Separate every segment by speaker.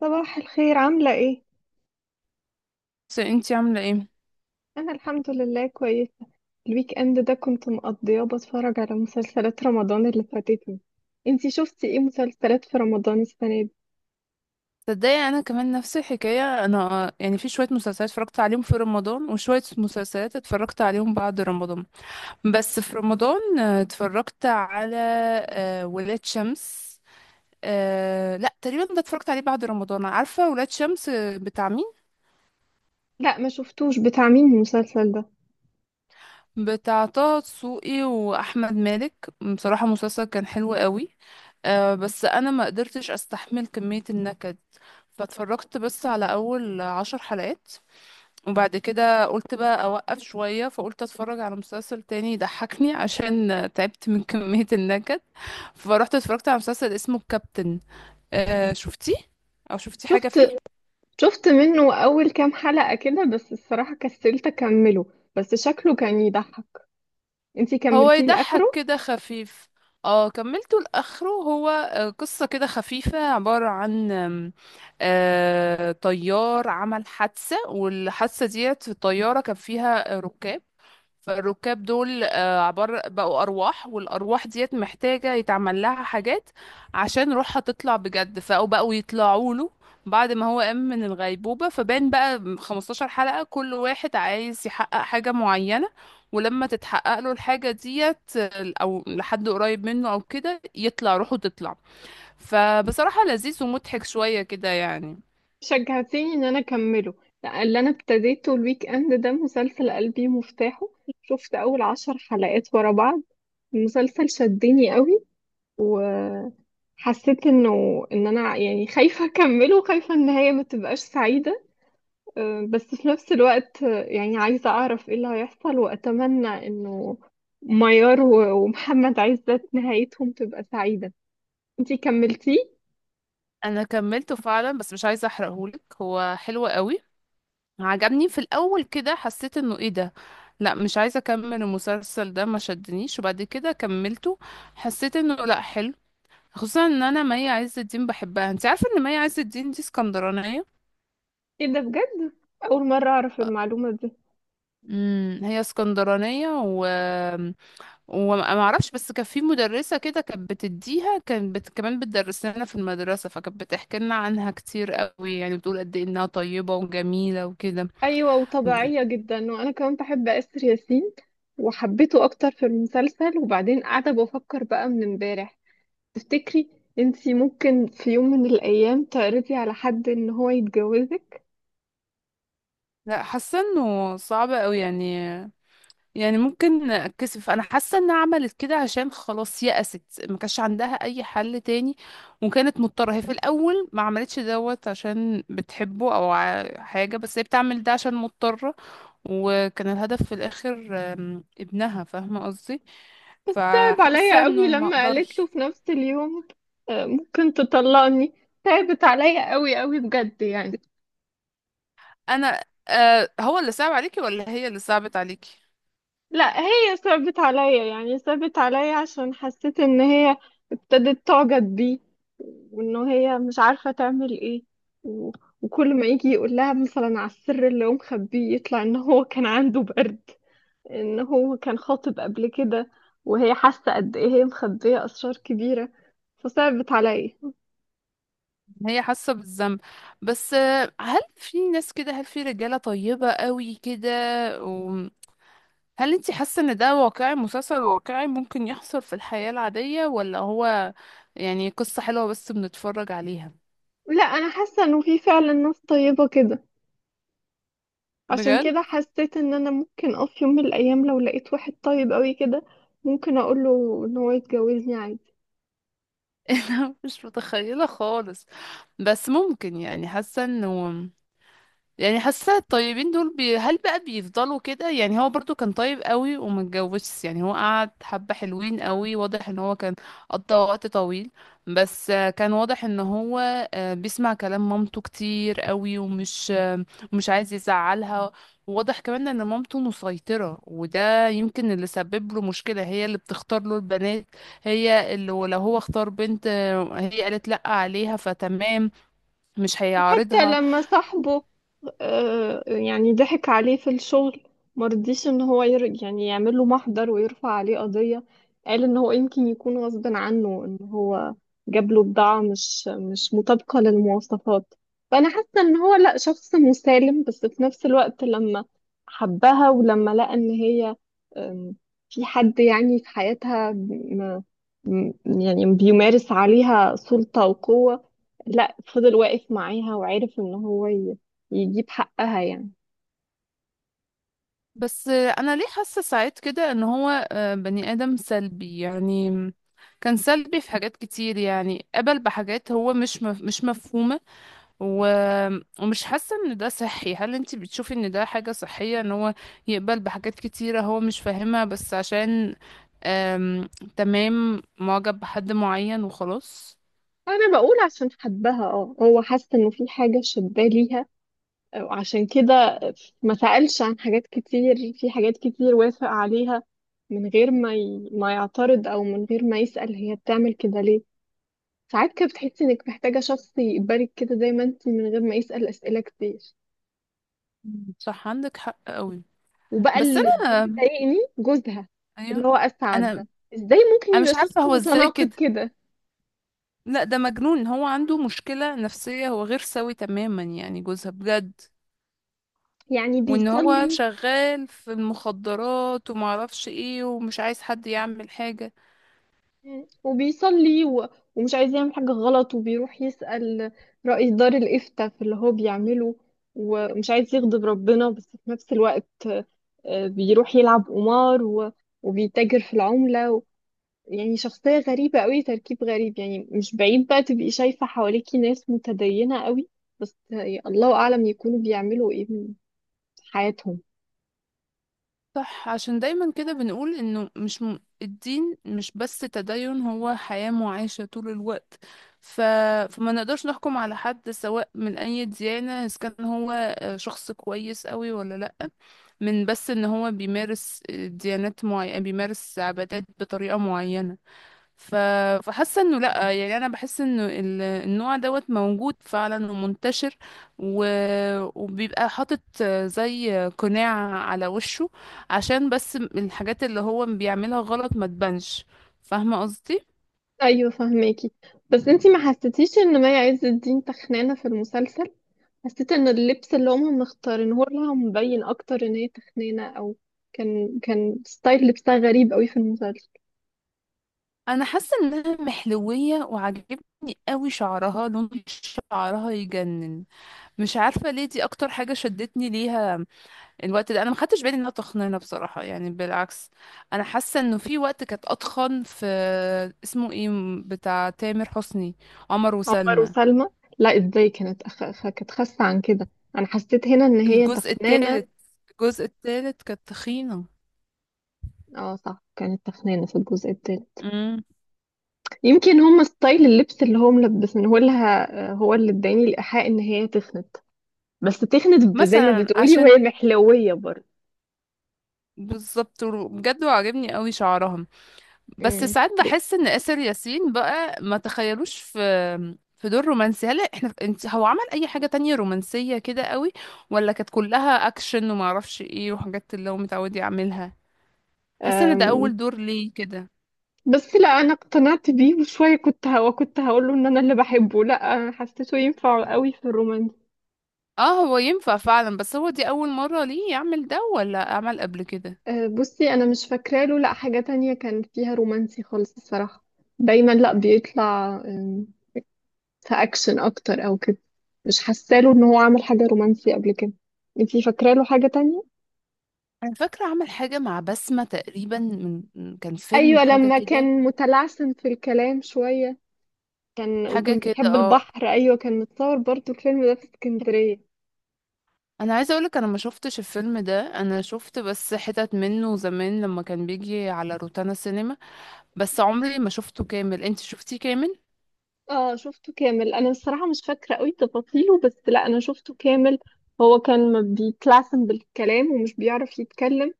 Speaker 1: صباح الخير، عاملة ايه؟
Speaker 2: بس انتي عاملة ايه؟
Speaker 1: أنا الحمد لله كويسة. الويك اند ده كنت مقضياه بتفرج على مسلسلات رمضان اللي فاتتني. انتي شفتي ايه مسلسلات في رمضان السنة دي؟
Speaker 2: تصدقي، انا كمان نفس الحكاية. انا يعني في شوية مسلسلات اتفرجت عليهم في رمضان، وشوية مسلسلات اتفرجت عليهم بعد رمضان. بس في رمضان اتفرجت على ولاد شمس. لا، تقريبا ده اتفرجت عليه بعد رمضان. عارفة ولاد شمس بتاع مين؟
Speaker 1: لا، ما شفتوش. بتاع مين المسلسل ده؟
Speaker 2: بتاع طه دسوقي واحمد مالك. بصراحة مسلسل كان حلو قوي. بس انا ما قدرتش استحمل كمية النكد، فاتفرجت بس على اول عشر حلقات. وبعد كده قلت بقى اوقف شوية، فقلت اتفرج على مسلسل تاني يضحكني عشان تعبت من كمية النكد. فروحت اتفرجت على مسلسل اسمه الكابتن. آه، شفتيه او شفتي حاجة
Speaker 1: شفت
Speaker 2: فيه؟
Speaker 1: شفت منه أول كام حلقة كده، بس الصراحة كسلت أكمله. بس شكله كان يضحك. انتي
Speaker 2: هو
Speaker 1: كملتيه
Speaker 2: يضحك
Speaker 1: لآخره؟
Speaker 2: كده خفيف. اه، كملته لاخره. هو قصة كده خفيفة، عبارة عن آم، آه، طيار عمل حادثة، والحادثة ديت في الطيارة كان فيها ركاب. فالركاب دول عبارة بقوا أرواح، والأرواح ديت محتاجة يتعمل لها حاجات عشان روحها تطلع بجد. فبقوا يطلعوا له بعد ما هو قام من الغيبوبة، فبان بقى 15 حلقة كل واحد عايز يحقق حاجة معينة. ولما تتحقق له الحاجة ديت أو لحد قريب منه أو كده يطلع روحه، تطلع. فبصراحة لذيذ ومضحك شوية كده يعني.
Speaker 1: شجعتيني إن أنا أكمله. لا، اللي أنا ابتديته الويك اند ده مسلسل قلبي مفتاحه. شفت أول 10 حلقات ورا بعض. المسلسل شدني قوي. وحسيت انه ان انا يعني خايفة اكمله، وخايفة ان هي ما تبقاش سعيدة. بس في نفس الوقت يعني عايزة اعرف ايه اللي هيحصل، واتمنى انه ميار ومحمد عزت نهايتهم تبقى سعيدة. انتي كملتيه؟
Speaker 2: أنا كملته فعلا، بس مش عايزة أحرقهولك، هو حلو قوي. عجبني في الاول، كده حسيت انه ايه ده، لا مش عايزه اكمل المسلسل ده، ما شدنيش. وبعد كده كملته، حسيت انه لا حلو. خصوصا ان انا مي عز الدين بحبها. انت عارفه ان مي عز الدين دي اسكندرانيه؟
Speaker 1: ايه ده، بجد؟ اول مرة اعرف المعلومة دي.
Speaker 2: امم، هي اسكندرانيه و وما ما اعرفش، بس كان في مدرسه كده كانت بتديها، كانت كمان بتدرس لنا في المدرسه، فكانت بتحكي لنا عنها كتير قوي، يعني بتقول قد ايه انها طيبه وجميله وكده.
Speaker 1: ايوه، وطبيعية جدا. وانا كمان بحب اسر ياسين، وحبيته اكتر في المسلسل. وبعدين قاعدة بفكر بقى من امبارح، تفتكري انتي ممكن في يوم من الايام تعرضي على حد ان هو يتجوزك؟
Speaker 2: لا، حاسه انه صعب قوي يعني. يعني ممكن اتكسف. انا حاسه انها عملت كده عشان خلاص يأست، ما كانش عندها اي حل تاني، وكانت مضطره. هي في الاول ما عملتش دوت عشان بتحبه او حاجه، بس هي بتعمل ده عشان مضطره. وكان الهدف في الاخر ابنها، فاهمه قصدي؟
Speaker 1: بس تعب
Speaker 2: فحاسه
Speaker 1: عليا قوي
Speaker 2: انه ما
Speaker 1: لما قالت له
Speaker 2: اقدرش.
Speaker 1: في نفس اليوم: ممكن تطلقني. تعبت عليا قوي قوي بجد يعني.
Speaker 2: انا هو اللي صعب عليكي ولا هي اللي صعبت عليكي؟
Speaker 1: لا، هي صعبت عليا، يعني صعبت عليا عشان حسيت ان هي ابتدت تعجب بيه، وان هي مش عارفة تعمل ايه. و- وكل ما يجي يقول لها مثلا على السر اللي هو مخبيه، يطلع ان هو كان عنده برد، ان هو كان خاطب قبل كده. وهي حاسه قد ايه هي مخبيه اسرار كبيره، فصعبت عليا.
Speaker 2: هي حاسه بالذنب. بس هل في ناس كده؟ هل في رجاله طيبه قوي كده؟ هل انت حاسة ان ده واقعي، مسلسل واقعي ممكن يحصل في الحياة العادية؟ ولا هو يعني قصة حلوة بس بنتفرج عليها؟
Speaker 1: لا، انا حاسه انه في فعلا ناس طيبه كده. عشان
Speaker 2: بجد؟
Speaker 1: كده حسيت ان انا ممكن في يوم من الايام، لو لقيت واحد طيب قوي كده، ممكن اقوله ان هو يتجوزني عادي.
Speaker 2: انا مش متخيلة خالص. بس ممكن، يعني حاسة انه، يعني حاسه الطيبين دول هل بقى بيفضلوا كده؟ يعني هو برضو كان طيب قوي وما اتجوزش. يعني هو قعد، حبه حلوين قوي، واضح ان هو كان قضى وقت طويل. بس كان واضح ان هو بيسمع كلام مامته كتير قوي، ومش مش عايز يزعلها. وواضح كمان ان مامته مسيطره، وده يمكن اللي سبب له مشكله، هي اللي بتختار له البنات. هي اللي لو هو اختار بنت هي قالت لا عليها، فتمام، مش
Speaker 1: وحتى
Speaker 2: هيعارضها.
Speaker 1: لما صاحبه يعني ضحك عليه في الشغل، مرضيش ان هو يعني يعمل له محضر ويرفع عليه قضية. قال ان هو يمكن يكون غصب عنه ان هو جاب له بضاعة مش مطابقة للمواصفات. فانا حاسة ان هو لا، شخص مسالم، بس في نفس الوقت لما حبها ولما لقى ان هي آم، في حد يعني في حياتها يعني بيمارس عليها سلطة وقوة، لا فضل واقف معاها وعرف ان هو يجيب حقها يعني.
Speaker 2: بس انا ليه حاسه ساعات كده ان هو بني ادم سلبي يعني. كان سلبي في حاجات كتير يعني، قبل بحاجات هو مش مفهومه. و... ومش حاسه ان ده صحي. هل انت بتشوفي ان ده حاجه صحيه ان هو يقبل بحاجات كتيره هو مش فاهمها، بس عشان آم... تمام، معجب بحد معين وخلاص؟
Speaker 1: انا بقول عشان حبها هو حس انه في حاجه شداه ليها، وعشان كده ما سألش. عن حاجات كتير، في حاجات كتير وافق عليها من غير ما ما يعترض، او من غير ما يسأل هي بتعمل كده ليه. ساعات كده بتحسي انك محتاجه شخص يقبلك كده زي ما انت، من غير ما يسأل اسئله كتير.
Speaker 2: مم، صح، عندك حق قوي.
Speaker 1: وبقى
Speaker 2: بس
Speaker 1: اللي
Speaker 2: انا،
Speaker 1: بيضايقني جوزها،
Speaker 2: ايوه،
Speaker 1: اللي هو اسعد ده.
Speaker 2: انا
Speaker 1: ازاي ممكن
Speaker 2: انا
Speaker 1: يبقى
Speaker 2: مش عارفه
Speaker 1: شخص
Speaker 2: هو ازاي
Speaker 1: متناقض
Speaker 2: كده.
Speaker 1: كده؟
Speaker 2: لا، ده مجنون، هو عنده مشكلة نفسية، هو غير سوي تماما يعني جوزها بجد.
Speaker 1: يعني
Speaker 2: وان هو
Speaker 1: بيصلي.
Speaker 2: شغال في المخدرات ومعرفش ايه، ومش عايز حد يعمل حاجة.
Speaker 1: وبيصلي ومش عايز يعمل حاجة غلط، وبيروح يسأل رئيس دار الإفتاء في اللي هو بيعمله، ومش عايز يغضب ربنا، بس في نفس الوقت بيروح يلعب قمار وبيتاجر في العملة يعني شخصية غريبة قوي، تركيب غريب. يعني مش بعيد بقى تبقي شايفة حواليكي ناس متدينة قوي، بس الله أعلم يكونوا بيعملوا إيه في حياتهم.
Speaker 2: صح، عشان دايما كده بنقول انه مش م... الدين مش بس تدين، هو حياة معاشة طول الوقت. ف... فما نقدرش نحكم على حد سواء من اي ديانة اذا كان هو شخص كويس قوي ولا لا، من بس ان هو بيمارس ديانات معينة، بيمارس عبادات بطريقة معينة. ف... فحاسه انه لا، يعني انا بحس انه النوع دوت موجود فعلا ومنتشر، و... وبيبقى حاطط زي قناع على وشه عشان بس الحاجات اللي هو بيعملها غلط ما تبانش، فاهمه قصدي؟
Speaker 1: أيوة، فهماكي. بس انتي ما حسيتيش إن مي عز الدين تخنانة في المسلسل؟ حسيت ان اللبس اللي هم مختارينه لها مبين اكتر ان هي تخينه، او كان ستايل لبسها غريب قوي في المسلسل.
Speaker 2: انا حاسه انها محلويه، وعجبني قوي شعرها، لون شعرها يجنن. مش عارفه ليه دي اكتر حاجه شدتني ليها الوقت ده. انا ما خدتش بالي انها تخنانه بصراحه، يعني بالعكس. انا حاسه انه في وقت كانت اتخن في، اسمه ايه، بتاع تامر حسني، عمر
Speaker 1: عمر
Speaker 2: وسلمى.
Speaker 1: وسلمى؟ لا، ازاي؟ كانت كانت خاسه عن كده. انا حسيت هنا ان هي
Speaker 2: الجزء
Speaker 1: تخنانه.
Speaker 2: الثالث، الجزء الثالث كانت تخينه.
Speaker 1: اه صح، كانت تخنانه في الجزء التاني.
Speaker 2: امم.
Speaker 1: يمكن هم ستايل اللبس اللي هم ملبسينه لها هو اللي اداني الايحاء ان هي تخنت. بس تخنت، زي ما
Speaker 2: مثلا
Speaker 1: بتقولي، وهي
Speaker 2: عشان،
Speaker 1: محلويه برضه.
Speaker 2: بالظبط بجد، وعجبني قوي شعرها. بس ساعات بحس ان آسر ياسين بقى ما تخيلوش في دور رومانسي. هل احنا، انت، هو عمل اي حاجة تانية رومانسية كده قوي؟ ولا كانت كلها اكشن وما اعرفش ايه، وحاجات اللي هو متعود يعملها؟ حاسة ان ده
Speaker 1: امم.
Speaker 2: اول دور ليه كده.
Speaker 1: بس لا، انا اقتنعت بيه وشويه. كنت هقول له ان انا اللي بحبه. لا، حسيته ينفع قوي في الرومانس.
Speaker 2: اه، هو ينفع فعلا، بس هو دي اول مرة ليه يعمل ده ولا عمل قبل كده؟
Speaker 1: بصي انا مش فاكره له لا حاجه تانية كان فيها رومانسي خالص الصراحه. دايما لا، بيطلع في اكشن اكتر او كده. مش حاسه له ان هو عمل حاجه رومانسي قبل كده. انتي فاكره له حاجه تانية؟
Speaker 2: انا فاكرة عمل حاجة مع بسمة تقريبا، كان فيلم،
Speaker 1: ايوه،
Speaker 2: حاجة
Speaker 1: لما
Speaker 2: كده،
Speaker 1: كان متلعثم في الكلام شويه، كان
Speaker 2: حاجة
Speaker 1: وكان
Speaker 2: كده،
Speaker 1: بيحب
Speaker 2: اه.
Speaker 1: البحر. ايوه، كان متصور برضو الفيلم ده في اسكندريه.
Speaker 2: انا عايزه اقولك، انا ما شفتش الفيلم ده، انا شفت بس حتت منه زمان لما كان بيجي على روتانا سينما، بس عمري ما شفته كامل. انت شفتيه كامل؟
Speaker 1: اه، شفته كامل. انا الصراحه مش فاكره قوي تفاصيله، بس لا، انا شفته كامل. هو كان ما بيتلعثم بالكلام ومش بيعرف يتكلم،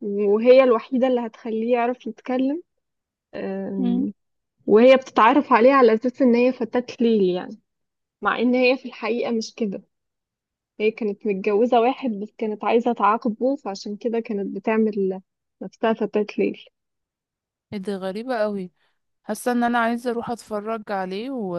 Speaker 1: وهي الوحيده اللي هتخليه يعرف يتكلم.
Speaker 2: مم.
Speaker 1: أم، وهي بتتعرف عليه على اساس ان هي فتاة ليل يعني، مع ان هي في الحقيقه مش كده. هي كانت متجوزه واحد بس كانت عايزه تعاقبه، فعشان كده كانت بتعمل نفسها فتاة ليل.
Speaker 2: ايه ده، غريبه قوي. حاسه ان انا عايزه اروح اتفرج عليه،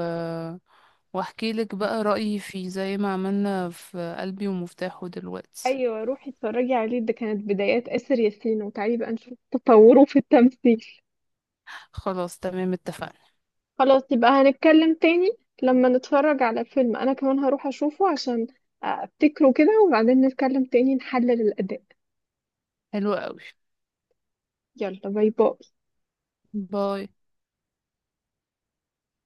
Speaker 2: واحكي لك بقى رايي فيه، زي ما عملنا في قلبي ومفتاحه دلوقتي.
Speaker 1: ايوه، روحي اتفرجي عليه. ده كانت بدايات آسر ياسين، وتعالي بقى نشوف تطوره في التمثيل.
Speaker 2: خلاص، تمام، اتفقنا.
Speaker 1: خلاص، يبقى هنتكلم تاني لما نتفرج على فيلم. انا كمان هروح اشوفه عشان افتكره كده، وبعدين نتكلم تاني نحلل الاداء.
Speaker 2: حلو قوي.
Speaker 1: يلا، باي باي.
Speaker 2: باي.